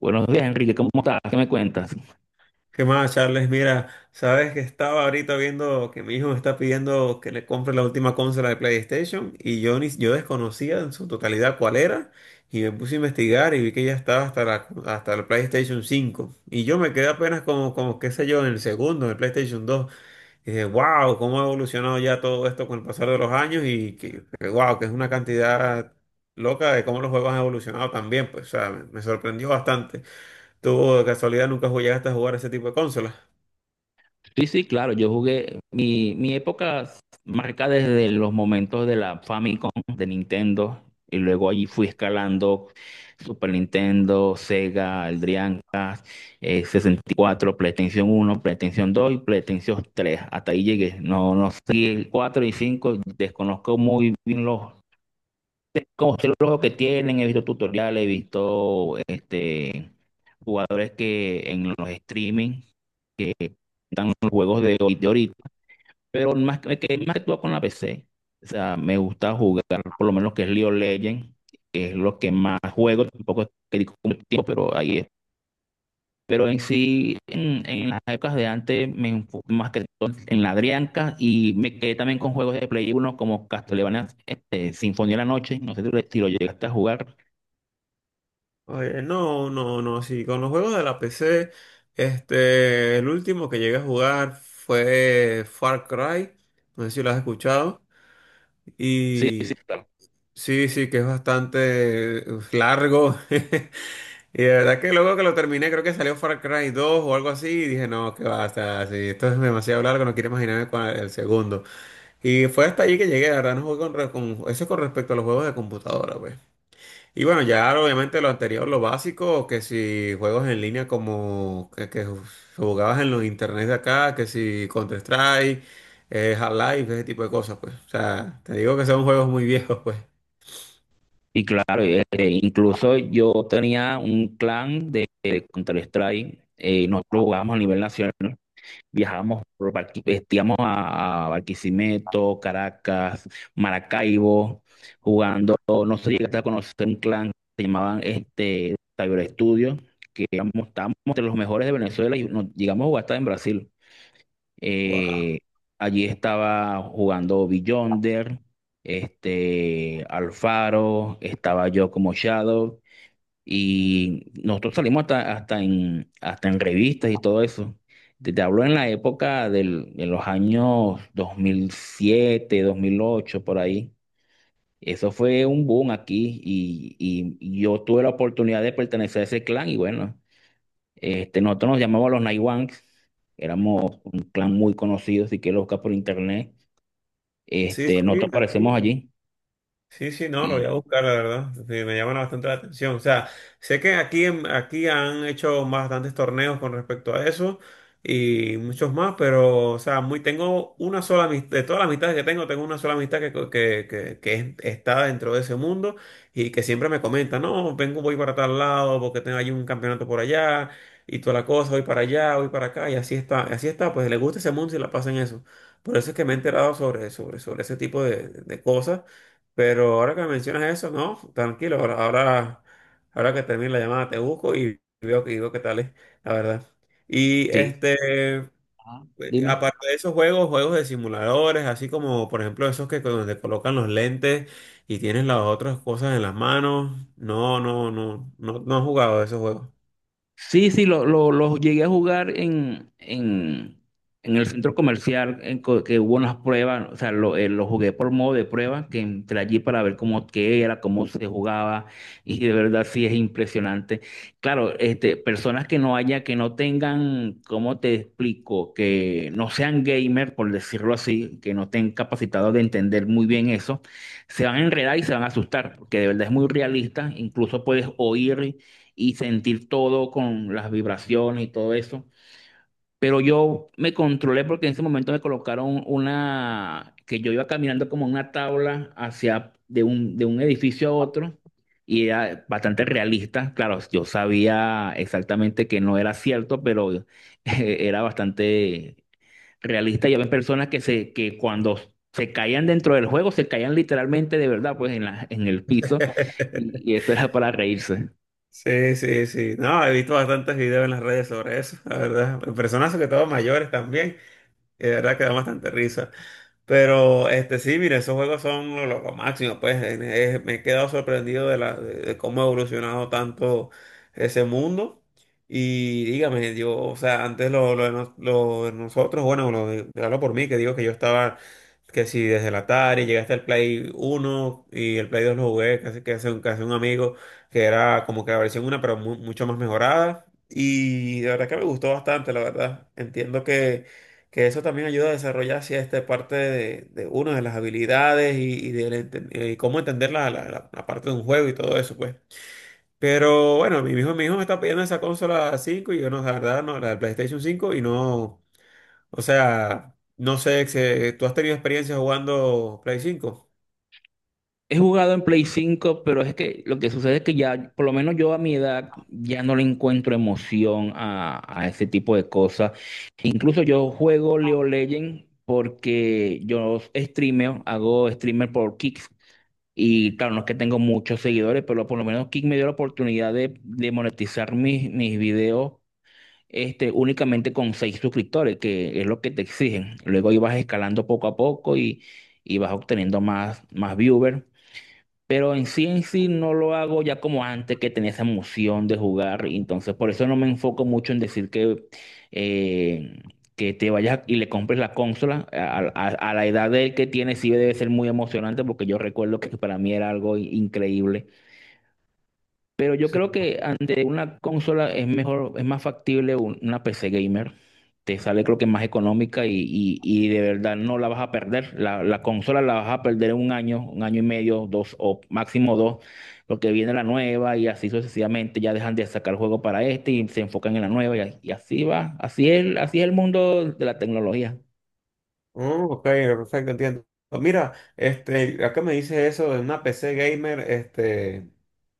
Buenos días, Enrique, ¿cómo estás? ¿Qué me cuentas? ¿Qué más, Charles? Mira, sabes que estaba ahorita viendo que mi hijo me está pidiendo que le compre la última consola de PlayStation y yo, ni, yo desconocía en su totalidad cuál era. Y me puse a investigar y vi que ya estaba hasta la PlayStation 5. Y yo me quedé apenas como, qué sé yo, en el segundo, en el PlayStation 2. Y dije, wow, cómo ha evolucionado ya todo esto con el pasar de los años y que wow, que es una cantidad loca de cómo los juegos han evolucionado también, pues, o sea, me sorprendió bastante. ¿Tú de casualidad nunca llegaste a jugar ese tipo de consolas? Sí, sí, claro, yo jugué mi época marca desde los momentos de la Famicom de Nintendo, y luego allí fui escalando Super Nintendo, Sega, el Dreamcast, 64, PlayStation Uno, PlayStation Dos, y PlayStation 3. Hasta ahí llegué. No, no sé, el 4 y 5 desconozco muy bien los, como sé los juegos que tienen, he visto tutoriales, he visto jugadores que en los streaming están los juegos de, de ahorita, pero más más que todo con la PC. O sea, me gusta jugar por lo menos que es League of Legends, que es lo que más juego, tampoco es que dedico mucho tiempo, pero ahí es. Pero en sí, en las épocas de antes, me enfoqué más que todo en la Drianca y me quedé también con juegos de Play 1 como Castlevania, Sinfonía de la Noche, no sé si lo llegaste a jugar. Oye, no, no, no, sí, con los juegos de la PC, este, el último que llegué a jugar fue Far Cry, no sé si lo has escuchado. Sí, sí. Y sí, sí, que es bastante largo, y de verdad que luego que lo terminé, creo que salió Far Cry 2 o algo así, y dije, no, que basta, sí, esto es demasiado largo, no quiero imaginarme cuál es el segundo. Y fue hasta allí que llegué, la verdad, no jugué eso es con respecto a los juegos de computadora, pues. Y bueno, ya obviamente lo anterior, lo básico, que si juegos en línea como que jugabas en los internet de acá, que si Counter-Strike, Half-Life, ese tipo de cosas, pues. O sea, te digo que son juegos muy viejos, pues. Y claro, incluso yo tenía un clan de Counter-Strike, nosotros jugábamos a nivel nacional, viajábamos por íbamos a Barquisimeto, Caracas, Maracaibo, jugando. No sé si llegaste a conocer un clan que se llamaban Cyber Studios, que éramos, estábamos entre los mejores de Venezuela y nos llegamos a jugar hasta en Brasil. Wow. Eh, allí estaba jugando Beyonder, Alfaro, estaba yo como Shadow, y nosotros salimos hasta, hasta en revistas y todo eso. Te hablo en la época del, de los años 2007, 2008 por ahí. Eso fue un boom aquí, y yo tuve la oportunidad de pertenecer a ese clan y bueno. Nosotros nos llamábamos los Naiwanks, éramos un clan muy conocido, si quieres buscar por internet. Sí, sí. Nosotros aparecemos allí. Sí, sí, no, lo voy a Y buscar, la verdad. Sí, me llaman bastante la atención. O sea, sé que aquí, aquí han hecho bastantes torneos con respecto a eso y muchos más, pero, o sea, muy, tengo una sola amistad, de todas las amistades que tengo, tengo una sola amistad que, co- que es- está dentro de ese mundo, y que siempre me comenta, no, vengo, voy para tal lado porque tengo allí un campeonato por allá y toda la cosa, voy para allá, voy para acá y así está, pues le gusta ese mundo y la pasa en eso. Por eso es que me he enterado sobre ese tipo de cosas. Pero ahora que me mencionas eso, no, tranquilo, ahora que termine la llamada te busco y veo que digo qué tal es, la verdad. Y sí. este, eh, Ajá, dime. aparte de esos juegos, juegos de simuladores, así como por ejemplo esos que donde colocan los lentes y tienes las otras cosas en las manos, no, no, no, no, no he jugado esos juegos. Sí, sí, lo llegué a jugar en, en el centro comercial, que hubo unas pruebas. O sea, lo jugué por modo de prueba, que entré allí para ver cómo qué era, cómo se jugaba, y de verdad sí es impresionante. Claro, personas que no haya, que no tengan, ¿cómo te explico? Que no sean gamer, por decirlo así, que no estén capacitados de entender muy bien eso, se van a enredar y se van a asustar, porque de verdad es muy realista, incluso puedes oír y sentir todo con las vibraciones y todo eso. Pero yo me controlé porque en ese momento me colocaron una, que yo iba caminando como una tabla hacia de un edificio a otro, y era bastante realista. Claro, yo sabía exactamente que no era cierto, pero era bastante realista. Y había personas que, que cuando se caían dentro del juego, se caían literalmente de verdad, pues en en el piso, y y eso era para reírse. Sí, sí, sí. No, he visto bastantes videos en las redes sobre eso, la verdad. Personas sobre todo mayores también, y de verdad que da bastante risa. Pero este sí, mire, esos juegos son lo máximo, pues me he quedado sorprendido de cómo ha evolucionado tanto ese mundo. Y dígame, yo, o sea, antes lo de nosotros, bueno, lo de, hablo por mí, que digo que yo estaba, que si desde el Atari llegué hasta el Play 1 y el Play 2 lo jugué, casi que hace un amigo, que era como que la versión una pero mucho más mejorada. Y la verdad que me gustó bastante, la verdad. Entiendo que eso también ayuda a desarrollar esta parte de una de las habilidades y del cómo entender la parte de un juego y todo eso, pues. Pero bueno, mi hijo me está pidiendo esa consola cinco y yo no, la verdad, no, la del PlayStation 5 y no, o sea, no sé, ¿tú has tenido experiencia jugando Play 5? He jugado en Play 5, pero es que lo que sucede es que ya, por lo menos yo a mi edad, ya no le encuentro emoción a ese tipo de cosas. Incluso yo juego Leo Legend porque yo streameo, hago streamer por Kick. Y claro, no es que tengo muchos seguidores, pero por lo menos Kick me dio la oportunidad de monetizar mis videos, únicamente con 6 suscriptores, que es lo que te exigen. Luego ibas escalando poco a poco, y vas obteniendo más, más viewers. Pero en sí no lo hago ya como antes, que tenía esa emoción de jugar. Y entonces por eso no me enfoco mucho en decir eh, que te vayas y le compres la consola. A la edad de que tiene sí debe ser muy emocionante, porque yo recuerdo que para mí era algo increíble. Pero yo creo que ante una consola es mejor, es más factible una PC gamer. Te sale creo que más económica, y de verdad no la vas a perder. La consola la vas a perder un año y medio, dos o máximo dos, porque viene la nueva y así sucesivamente. Ya dejan de sacar juego para este y se enfocan en la nueva, y así va. Así es el mundo de la tecnología. Oh, ok, perfecto, entiendo. Mira, este, acá me dice eso de una PC gamer, este, o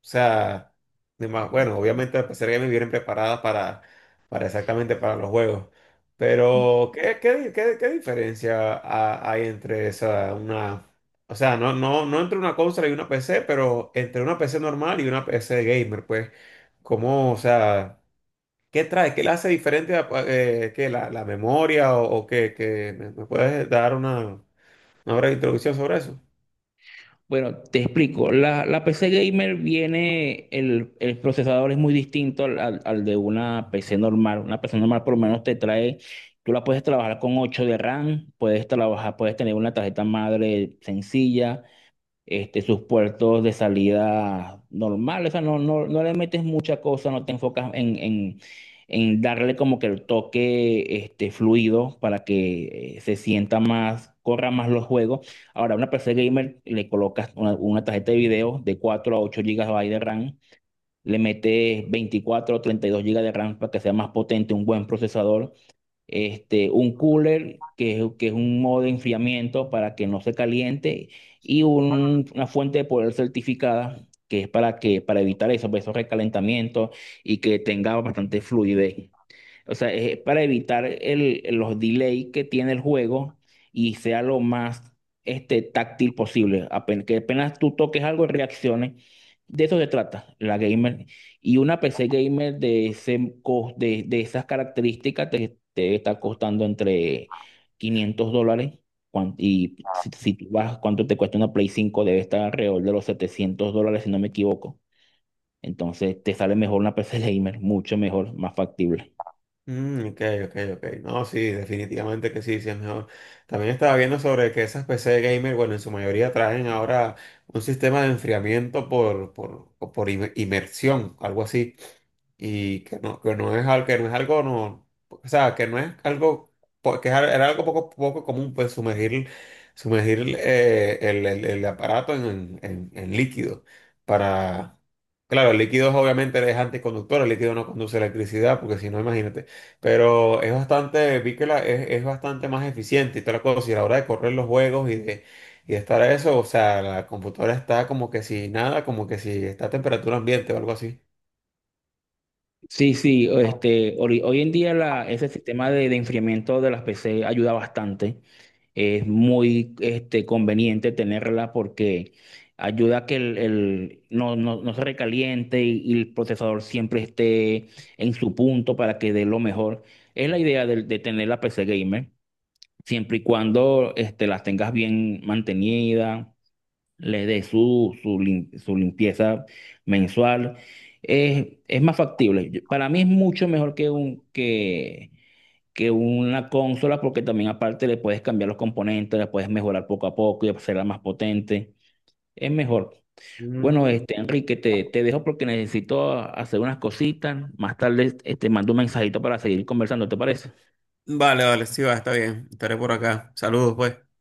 sea, bueno, obviamente las PC gamer vienen preparadas para exactamente para los juegos. Pero ¿qué diferencia hay entre esa, una, o sea, no, no, no entre una consola y una PC, pero entre una PC normal y una PC gamer, pues? ¿Cómo, o sea? ¿Qué trae? ¿Qué la hace diferente a, qué, la memoria o qué? ¿Me puedes dar una breve introducción sobre eso? Bueno, te explico. La PC gamer viene, el procesador es muy distinto al de una PC normal. Una PC normal por lo menos te trae, tú la puedes trabajar con 8 de RAM, puedes trabajar, puedes tener una tarjeta madre sencilla, sus puertos de salida normales. O sea, no le metes mucha cosa, no te enfocas en darle como que el toque fluido, para que se sienta más, corra más los juegos. Ahora, a una PC gamer le colocas una tarjeta de video de 4 a 8 gigas de RAM, le metes 24 o 32 gigas de RAM para que sea más potente, un buen procesador, un cooler, que que es un modo de enfriamiento para que no se caliente, y una fuente de poder certificada, que es para que, para evitar eso, pues, esos recalentamientos, y que tenga bastante fluidez. O sea, es para evitar los delays que tiene el juego, y sea lo más táctil posible. Que apenas tú toques algo, reacciones. De eso se trata la gamer. Y una PC gamer de, de esas características te, te está costando entre $500. Y si tú vas, ¿cuánto te cuesta una Play 5? Debe estar alrededor de los $700, si no me equivoco. Entonces te sale mejor una PC gamer, mucho mejor, más factible. Mm, ok, ok, ok. No, sí, definitivamente que sí, sí es mejor. También estaba viendo sobre que esas PC gamer, bueno, en su mayoría traen ahora un sistema de enfriamiento por inmersión, algo así. Y que no es algo, no, o sea, que no es algo, era algo poco común, pues sumergir el aparato en líquido para. Claro, el líquido es obviamente es anticonductor, el líquido no conduce electricidad, porque si no, imagínate. Pero es bastante, vi que es bastante más eficiente y toda la cosa. Y a la hora de correr los juegos y de estar a eso, o sea, la computadora está como que si nada, como que si está a temperatura ambiente o algo así. Sí, sí, hoy en día ese sistema de enfriamiento de las PC ayuda bastante. Es muy conveniente tenerla, porque ayuda a que no se recaliente, y el procesador siempre esté en su punto para que dé lo mejor. Es la idea de tener la PC gamer, siempre y cuando las tengas bien mantenida, le dé su limpieza mensual. Es más factible. Para mí es mucho mejor que una consola, porque también aparte le puedes cambiar los componentes, la puedes mejorar poco a poco y hacerla más potente. Es mejor. Bueno, Enrique, te dejo porque necesito hacer unas cositas. Más tarde, mando un mensajito para seguir conversando, ¿te parece? Vale, vale, sí va, está bien. Estaré por acá. Saludos, pues.